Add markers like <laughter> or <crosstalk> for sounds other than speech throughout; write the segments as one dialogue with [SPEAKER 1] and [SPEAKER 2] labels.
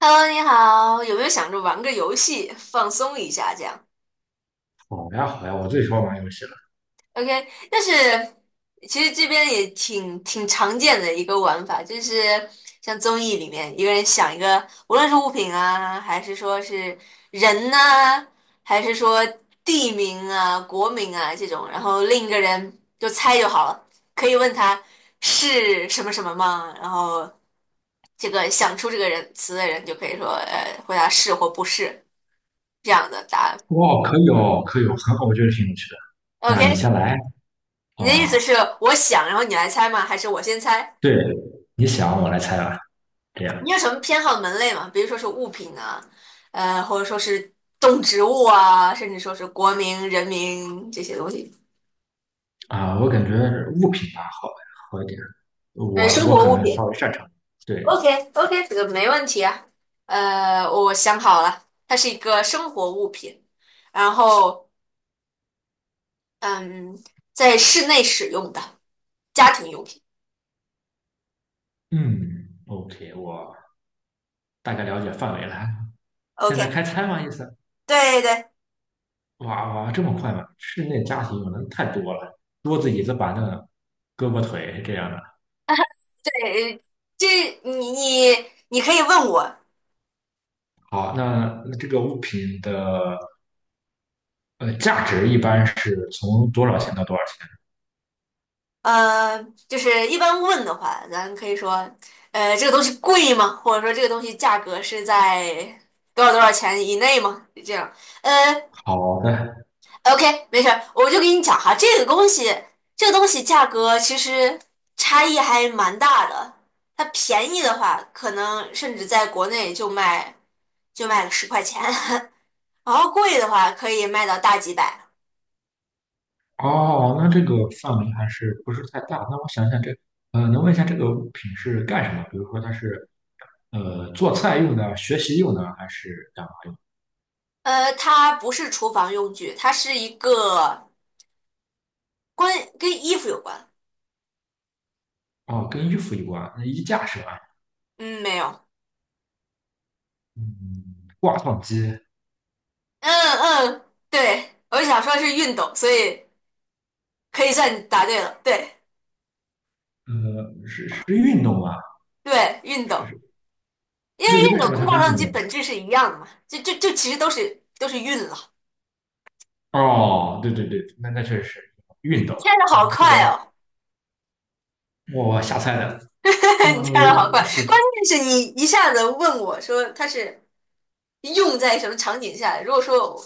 [SPEAKER 1] Hello，你好，有没有想着玩个游戏放松一下这样
[SPEAKER 2] 好呀，好呀，我最喜欢玩游戏了。
[SPEAKER 1] ？OK，但是其实这边也挺常见的一个玩法，就是像综艺里面一个人想一个，无论是物品啊，还是说是人呐、还是说地名啊、国名啊这种，然后另一个人就猜就好了，可以问他是什么什么吗？然后这个想出这个人词的人就可以说，回答是或不是这样的答案。
[SPEAKER 2] 哇，可以哦，可以哦，很好，我觉得挺有趣的。那你
[SPEAKER 1] OK，
[SPEAKER 2] 先来
[SPEAKER 1] 你的意
[SPEAKER 2] 哦，
[SPEAKER 1] 思是我想，然后你来猜吗？还是我先猜？
[SPEAKER 2] 对，你想我来猜吧，这样。
[SPEAKER 1] 你有什么偏好门类吗？比如说是物品啊，或者说是动植物啊，甚至说是国民、人民这些东西，
[SPEAKER 2] 我感觉物品吧好好一点，我
[SPEAKER 1] 生
[SPEAKER 2] 我
[SPEAKER 1] 活
[SPEAKER 2] 可
[SPEAKER 1] 物
[SPEAKER 2] 能稍
[SPEAKER 1] 品。
[SPEAKER 2] 微擅长。对，
[SPEAKER 1] OK OK，这个没问题啊。我想好了，它是一个生活物品，然后嗯，在室内使用的家庭用品。
[SPEAKER 2] 嗯，OK，我大概了解范围了。现在
[SPEAKER 1] OK，
[SPEAKER 2] 开猜吗？意思？
[SPEAKER 1] 对对
[SPEAKER 2] 哇哇，这么快吗？室内家庭用的太多了，桌子、椅子、板凳、胳膊、腿这样的。
[SPEAKER 1] 对，这你可以问我，
[SPEAKER 2] 好，那这个物品的价值一般是从多少钱到多少钱？
[SPEAKER 1] 呃，就是一般问的话，咱可以说，这个东西贵吗？或者说这个东西价格是在多少多少钱以内吗？就这样，呃
[SPEAKER 2] 好的。
[SPEAKER 1] ，OK，没事儿，我就给你讲哈，这个东西，这个东西价格其实差异还蛮大的。它便宜的话，可能甚至在国内就卖个10块钱，<laughs> 然后贵的话可以卖到大几百。
[SPEAKER 2] 哦，那这个范围还是不是太大？那我想想这，能问一下这个物品是干什么？比如说它是做菜用的、学习用的，还是干嘛用？
[SPEAKER 1] 它不是厨房用具，它是一个关跟衣服有关。
[SPEAKER 2] 哦，跟衣服有关，那衣架是吧？
[SPEAKER 1] 嗯，没有。
[SPEAKER 2] 嗯，挂烫机。
[SPEAKER 1] 嗯嗯，对，我想说是运动，所以可以算你答对了。对
[SPEAKER 2] 呃，是是运动啊，
[SPEAKER 1] 对，运
[SPEAKER 2] 是
[SPEAKER 1] 动，
[SPEAKER 2] 是。
[SPEAKER 1] 因为
[SPEAKER 2] 为
[SPEAKER 1] 运
[SPEAKER 2] 为
[SPEAKER 1] 动
[SPEAKER 2] 什么它
[SPEAKER 1] 跟照
[SPEAKER 2] 是
[SPEAKER 1] 相
[SPEAKER 2] 运
[SPEAKER 1] 机
[SPEAKER 2] 动呢？
[SPEAKER 1] 本质是一样的嘛，就就就其实都是运了。
[SPEAKER 2] 哦，对对对，那那确实是运动。
[SPEAKER 1] 猜的好
[SPEAKER 2] 哦，这
[SPEAKER 1] 快
[SPEAKER 2] 个
[SPEAKER 1] 哦，
[SPEAKER 2] 我瞎猜的。
[SPEAKER 1] <laughs>
[SPEAKER 2] 呃，
[SPEAKER 1] 你猜的好快，
[SPEAKER 2] 对
[SPEAKER 1] 关键是你一下子问我说它是用在什么场景下。如果说我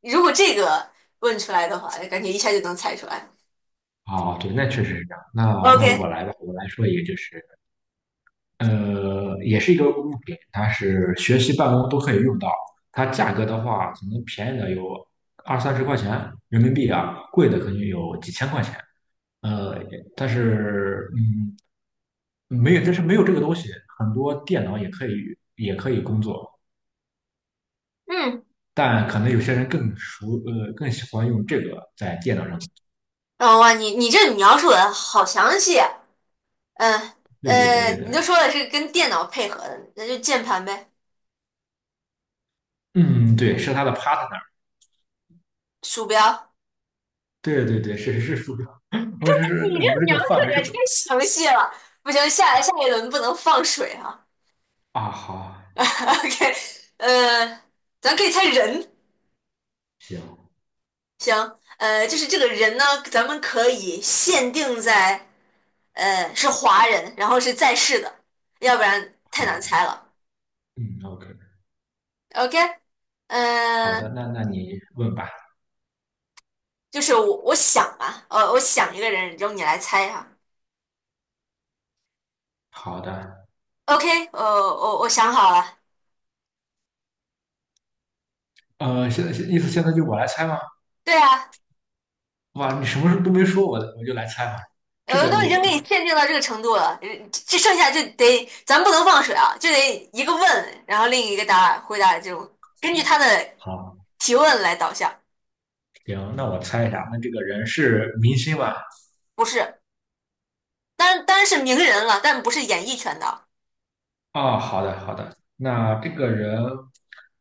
[SPEAKER 1] 如果这个问出来的话，感觉一下就能猜出来。
[SPEAKER 2] 哦，对，那确实是这样。那那我
[SPEAKER 1] OK，
[SPEAKER 2] 来吧，我来说一个，就是也是一个物品，它是学习办公都可以用到。它价格的话，可能便宜的有二三十块钱人民币啊，贵的可能有几千块钱。呃，但是嗯，没有，但是没有这个东西，很多电脑也可以工作，
[SPEAKER 1] 嗯，
[SPEAKER 2] 但可能有些人更熟，更喜欢用这个在电脑上。
[SPEAKER 1] 哦哇，你这描述的好详细啊。嗯。
[SPEAKER 2] 对对对对
[SPEAKER 1] 你
[SPEAKER 2] 对。
[SPEAKER 1] 就说了是跟电脑配合的，那就键盘呗，
[SPEAKER 2] 嗯，对，是它的 partner。
[SPEAKER 1] 鼠标。
[SPEAKER 2] 对对对，是是是，我只
[SPEAKER 1] 你
[SPEAKER 2] 是我们
[SPEAKER 1] 这个
[SPEAKER 2] 这
[SPEAKER 1] 描
[SPEAKER 2] 个
[SPEAKER 1] 述
[SPEAKER 2] 范围是
[SPEAKER 1] 也
[SPEAKER 2] 不。
[SPEAKER 1] 太详细了，不行，下一轮不能放水啊。
[SPEAKER 2] 啊，好。
[SPEAKER 1] <laughs> OK，呃，咱可以猜人，
[SPEAKER 2] 行，
[SPEAKER 1] 行，就是这个人呢，咱们可以限定在，是华人，然后是在世的，要不然太难猜
[SPEAKER 2] 好。
[SPEAKER 1] 了。
[SPEAKER 2] 嗯，OK。
[SPEAKER 1] OK，嗯、
[SPEAKER 2] 好的，那那你问吧。
[SPEAKER 1] 就是我想吧，我想一个人，由你来猜哈、
[SPEAKER 2] 好的。
[SPEAKER 1] OK，我想好了，
[SPEAKER 2] 现在意思现在就我来猜吗？
[SPEAKER 1] 对啊，
[SPEAKER 2] 哇，你什么都没说，我就来猜嘛。这个
[SPEAKER 1] 都
[SPEAKER 2] 我
[SPEAKER 1] 已经给你限定到这个程度了，这剩下就得咱不能放水啊，就得一个问，然后另一个答回答就根据他的
[SPEAKER 2] 好，
[SPEAKER 1] 提问来导向，
[SPEAKER 2] 行，那我猜一下，那这个人是明星吗？
[SPEAKER 1] 不是，当然是名人了，但不是演艺圈的，
[SPEAKER 2] 哦，好的，好的。那这个人，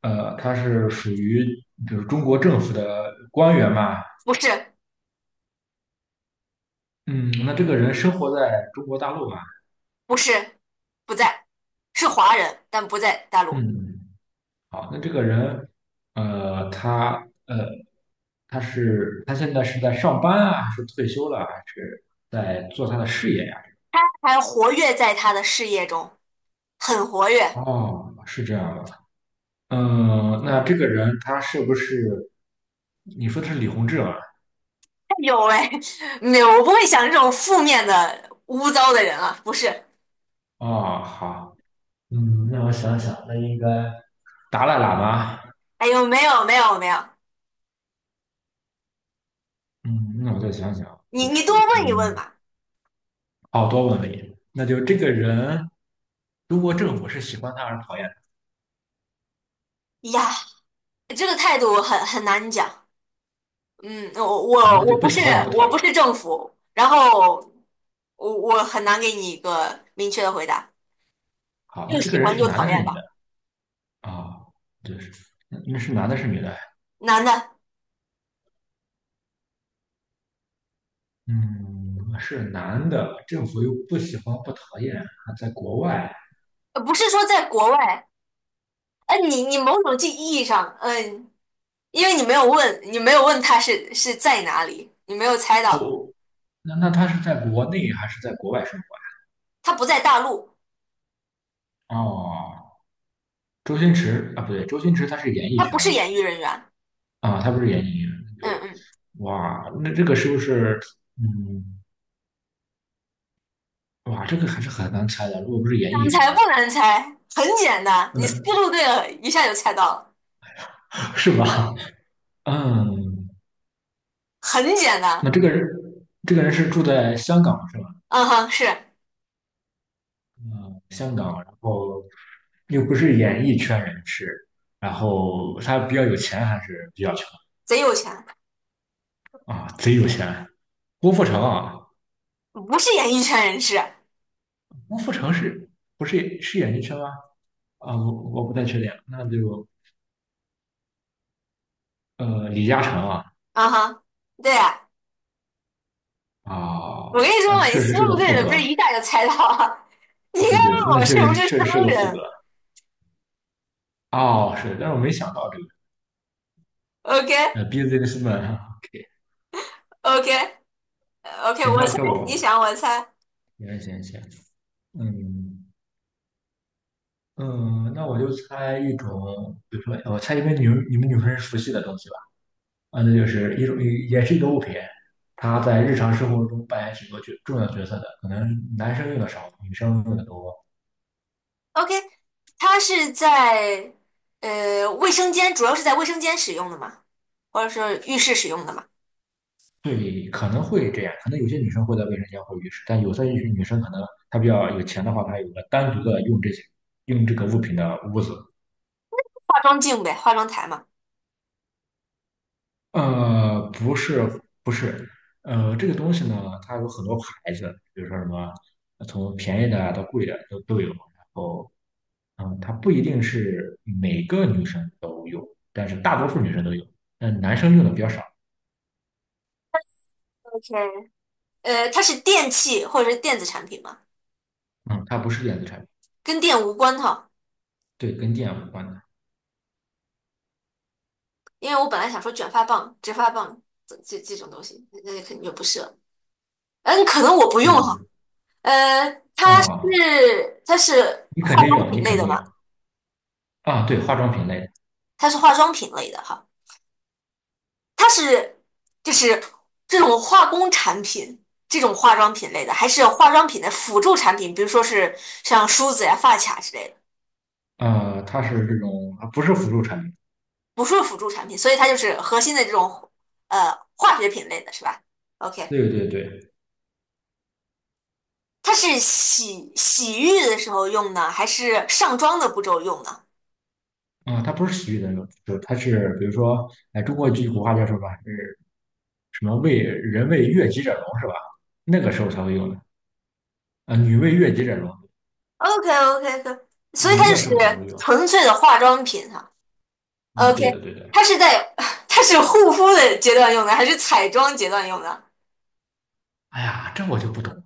[SPEAKER 2] 他是属于比如中国政府的官员嘛？
[SPEAKER 1] 不是，
[SPEAKER 2] 嗯，那这个人生活在中国大陆嘛？
[SPEAKER 1] 不是，不在，是华人，但不在大陆，
[SPEAKER 2] 嗯，好，那这个人，呃，他呃，他是他现在是在上班啊，还是退休了啊，还是在做他的事业呀？
[SPEAKER 1] 还活跃在他的事业中，很活跃。哎
[SPEAKER 2] 哦，是这样的。嗯，那这个人他是不是你说的是李洪志吗？
[SPEAKER 1] 呦喂，<laughs> 没有，我不会想这种负面的污糟的人啊，不是。
[SPEAKER 2] 哦，好。嗯，那我想想，那应该达赖喇嘛。
[SPEAKER 1] 哎呦，没有没有没有，
[SPEAKER 2] 嗯，那我再想想，
[SPEAKER 1] 你
[SPEAKER 2] 就
[SPEAKER 1] 你多
[SPEAKER 2] 是
[SPEAKER 1] 问一问
[SPEAKER 2] 嗯，
[SPEAKER 1] 吧。
[SPEAKER 2] 奥多问里，那就这个人，中国政府是喜欢他还是讨厌
[SPEAKER 1] 呀，这个态度很难讲。嗯，我
[SPEAKER 2] 他？啊，
[SPEAKER 1] 我
[SPEAKER 2] 那就
[SPEAKER 1] 我
[SPEAKER 2] 不
[SPEAKER 1] 不是
[SPEAKER 2] 喜欢也不
[SPEAKER 1] 我
[SPEAKER 2] 讨
[SPEAKER 1] 不
[SPEAKER 2] 厌。
[SPEAKER 1] 是政府，然后我很难给你一个明确的回答，
[SPEAKER 2] 好，
[SPEAKER 1] 又
[SPEAKER 2] 那这
[SPEAKER 1] 喜
[SPEAKER 2] 个人
[SPEAKER 1] 欢
[SPEAKER 2] 是
[SPEAKER 1] 又
[SPEAKER 2] 男的，
[SPEAKER 1] 讨
[SPEAKER 2] 是
[SPEAKER 1] 厌
[SPEAKER 2] 女的？
[SPEAKER 1] 吧。
[SPEAKER 2] 啊，对，那那是男的，是女的？
[SPEAKER 1] 男的，
[SPEAKER 2] 嗯，是男的，政府又不喜欢，不讨厌，还在国外。
[SPEAKER 1] 不是说在国外，哎、你你某种意义上，嗯、因为你没有问，你没有问他是在哪里，你没有猜到，
[SPEAKER 2] 哦，那那他是在国内还是在国外生
[SPEAKER 1] 他不在大陆，
[SPEAKER 2] 活？哦，周星驰啊，不对，周星驰他是演艺
[SPEAKER 1] 他不
[SPEAKER 2] 圈。
[SPEAKER 1] 是演艺人员。
[SPEAKER 2] 啊，他不是演艺那
[SPEAKER 1] 嗯
[SPEAKER 2] 个。
[SPEAKER 1] 嗯，
[SPEAKER 2] 哇，那这个是不是？嗯，哇，这个还是很难猜的。如果不是演艺
[SPEAKER 1] 难
[SPEAKER 2] 人员
[SPEAKER 1] 猜不
[SPEAKER 2] 的
[SPEAKER 1] 难
[SPEAKER 2] 话，
[SPEAKER 1] 猜，很简单，你
[SPEAKER 2] 那
[SPEAKER 1] 思路对了，一下就猜到了，
[SPEAKER 2] <laughs> 是吧？嗯，
[SPEAKER 1] 很简单。
[SPEAKER 2] 那这个人，这个人是住在香港是吧？
[SPEAKER 1] 嗯哼，是
[SPEAKER 2] 香港，然后又不是演艺圈人士，然后他比较有钱还是比较穷
[SPEAKER 1] 贼有钱，
[SPEAKER 2] 啊？贼有钱，郭富城啊，
[SPEAKER 1] 不是演艺圈人士。
[SPEAKER 2] 郭富城是不是是演艺圈吗？啊，我不太确定，那就李嘉诚啊。
[SPEAKER 1] 嗯哼，对呀，
[SPEAKER 2] 啊，
[SPEAKER 1] 我跟你说
[SPEAKER 2] 呃
[SPEAKER 1] 嘛，你
[SPEAKER 2] 确实
[SPEAKER 1] 思
[SPEAKER 2] 是个
[SPEAKER 1] 路对
[SPEAKER 2] 富
[SPEAKER 1] 了，不是
[SPEAKER 2] 哥，
[SPEAKER 1] 一下就猜到了？<laughs> 你应该
[SPEAKER 2] 对对对，
[SPEAKER 1] 问
[SPEAKER 2] 那
[SPEAKER 1] 我
[SPEAKER 2] 确
[SPEAKER 1] 是不
[SPEAKER 2] 实
[SPEAKER 1] 是
[SPEAKER 2] 确
[SPEAKER 1] 商
[SPEAKER 2] 实是个富哥。
[SPEAKER 1] 人
[SPEAKER 2] 哦，是，但是我没想到这个
[SPEAKER 1] ？OK
[SPEAKER 2] businessman，OK。
[SPEAKER 1] OK OK，
[SPEAKER 2] 行，
[SPEAKER 1] 我
[SPEAKER 2] 那
[SPEAKER 1] 猜，
[SPEAKER 2] 该
[SPEAKER 1] 你
[SPEAKER 2] 我
[SPEAKER 1] 想我猜。
[SPEAKER 2] 行行行，嗯。嗯，那我就猜一种，比如说，我猜因为你们女生是熟悉的东西吧？啊，那就是一种，也是一个物品，它在日常生活中扮演许多角重要角色的，可能男生用的少，女生用的多。
[SPEAKER 1] OK，他是在卫生间，主要是在卫生间使用的嘛，或者是浴室使用的嘛，
[SPEAKER 2] 对，可能会这样，可能有些女生会在卫生间或浴室，但有些女生可能她比较有钱的话，她有个单独的用这些用这个物品的屋子。
[SPEAKER 1] 化妆镜呗，化妆台嘛。
[SPEAKER 2] 呃，不是，不是。这个东西呢，它有很多牌子，比如说什么，从便宜的啊到贵的都有。然后，嗯，它不一定是每个女生都有，但是大多数女生都有，但男生用的比较少。
[SPEAKER 1] OK，它是电器或者是电子产品嘛，
[SPEAKER 2] 嗯，它不是电子产品。
[SPEAKER 1] 跟电无关哈。
[SPEAKER 2] 对，跟电无关的。
[SPEAKER 1] 因为我本来想说卷发棒、直发棒这这种东西，那肯定就不是了。嗯，可能我不
[SPEAKER 2] 是
[SPEAKER 1] 用
[SPEAKER 2] 的。
[SPEAKER 1] 哈。呃，它是
[SPEAKER 2] 啊，
[SPEAKER 1] 它是
[SPEAKER 2] 你肯
[SPEAKER 1] 化
[SPEAKER 2] 定
[SPEAKER 1] 妆
[SPEAKER 2] 有，
[SPEAKER 1] 品
[SPEAKER 2] 你
[SPEAKER 1] 类
[SPEAKER 2] 肯
[SPEAKER 1] 的
[SPEAKER 2] 定
[SPEAKER 1] 嘛，
[SPEAKER 2] 有。啊，对，化妆品类
[SPEAKER 1] 它是化妆品类的哈，它是就是这种化工产品，这种化妆品类的，还是化妆品的辅助产品，比如说是像梳子呀、发卡之类的，
[SPEAKER 2] 的。啊，它是这种，啊不是辅助产品。
[SPEAKER 1] 不是辅助产品，所以它就是核心的这种化学品类的是吧？OK。
[SPEAKER 2] 对对对。
[SPEAKER 1] 它是洗洗浴的时候用呢，还是上妆的步骤用呢
[SPEAKER 2] 啊，它不是洗浴的那种，就是它是比如说，哎，中国有句古话叫什么？是。什么为人为悦己者容是吧？那个时候才会用的。啊，女为悦己者容，
[SPEAKER 1] o k o k o k 所以它
[SPEAKER 2] 容
[SPEAKER 1] 就
[SPEAKER 2] 的
[SPEAKER 1] 是
[SPEAKER 2] 时候才会用。
[SPEAKER 1] 纯粹的化妆品哈。
[SPEAKER 2] 嗯，对
[SPEAKER 1] OK，
[SPEAKER 2] 的对的。
[SPEAKER 1] 它是在 <laughs> <sighs> 它是护肤的阶段用的，还是彩妆阶段用的？
[SPEAKER 2] 哎呀，这我就不懂，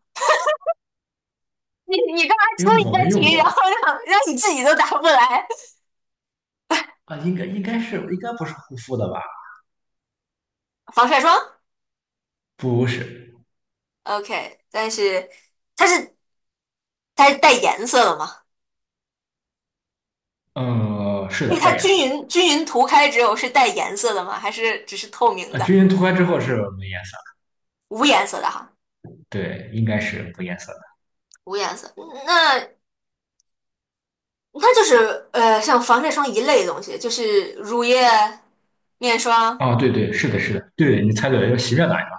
[SPEAKER 1] 你你干嘛出
[SPEAKER 2] 因为
[SPEAKER 1] 一
[SPEAKER 2] 我
[SPEAKER 1] 个
[SPEAKER 2] 没用
[SPEAKER 1] 题，然后
[SPEAKER 2] 过。
[SPEAKER 1] 让你自己都答不来？
[SPEAKER 2] 啊，应该应该是应该不是护肤的吧？
[SPEAKER 1] 防晒霜
[SPEAKER 2] 不是。
[SPEAKER 1] ，OK，但是它是它是带颜色的吗？
[SPEAKER 2] 嗯，是
[SPEAKER 1] 因为
[SPEAKER 2] 的，
[SPEAKER 1] 它
[SPEAKER 2] 带颜
[SPEAKER 1] 均
[SPEAKER 2] 色
[SPEAKER 1] 匀均匀涂开之后是带颜色的吗？还是只是透明
[SPEAKER 2] 的。啊，
[SPEAKER 1] 的，
[SPEAKER 2] 均匀涂开之后是没颜色的，
[SPEAKER 1] 无颜色的哈？
[SPEAKER 2] 对，应该是无颜色的。
[SPEAKER 1] 无颜色。那它就是呃，像防晒霜一类的东西，就是乳液、面霜。
[SPEAKER 2] 啊。对对，是的，是的，对，你猜对了，要洗面奶嘛？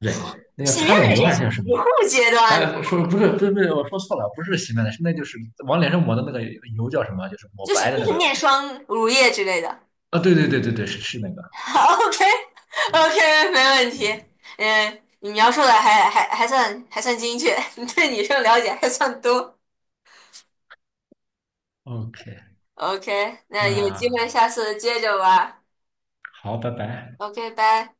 [SPEAKER 2] 对，那叫
[SPEAKER 1] 洗面
[SPEAKER 2] 擦脸
[SPEAKER 1] 奶
[SPEAKER 2] 油
[SPEAKER 1] 是
[SPEAKER 2] 还
[SPEAKER 1] 洗
[SPEAKER 2] 是叫什么？
[SPEAKER 1] 护阶段的，
[SPEAKER 2] 哎，说不是，不是，不是，我说错了，不是洗面奶，是那就是往脸上抹的那个油叫什么？就是抹
[SPEAKER 1] 就是
[SPEAKER 2] 白的
[SPEAKER 1] 就
[SPEAKER 2] 那
[SPEAKER 1] 是
[SPEAKER 2] 个东
[SPEAKER 1] 面
[SPEAKER 2] 西。
[SPEAKER 1] 霜、乳液之类的。
[SPEAKER 2] 啊，对对对对对，是是那个。
[SPEAKER 1] <laughs> OK OK，没问
[SPEAKER 2] 对
[SPEAKER 1] 题。嗯，你描述的还算还算精确，<laughs> 你对女生了解还算多。
[SPEAKER 2] ，OK，
[SPEAKER 1] OK，那有机
[SPEAKER 2] 那
[SPEAKER 1] 会下次接着玩。
[SPEAKER 2] 好，拜拜。
[SPEAKER 1] OK，拜。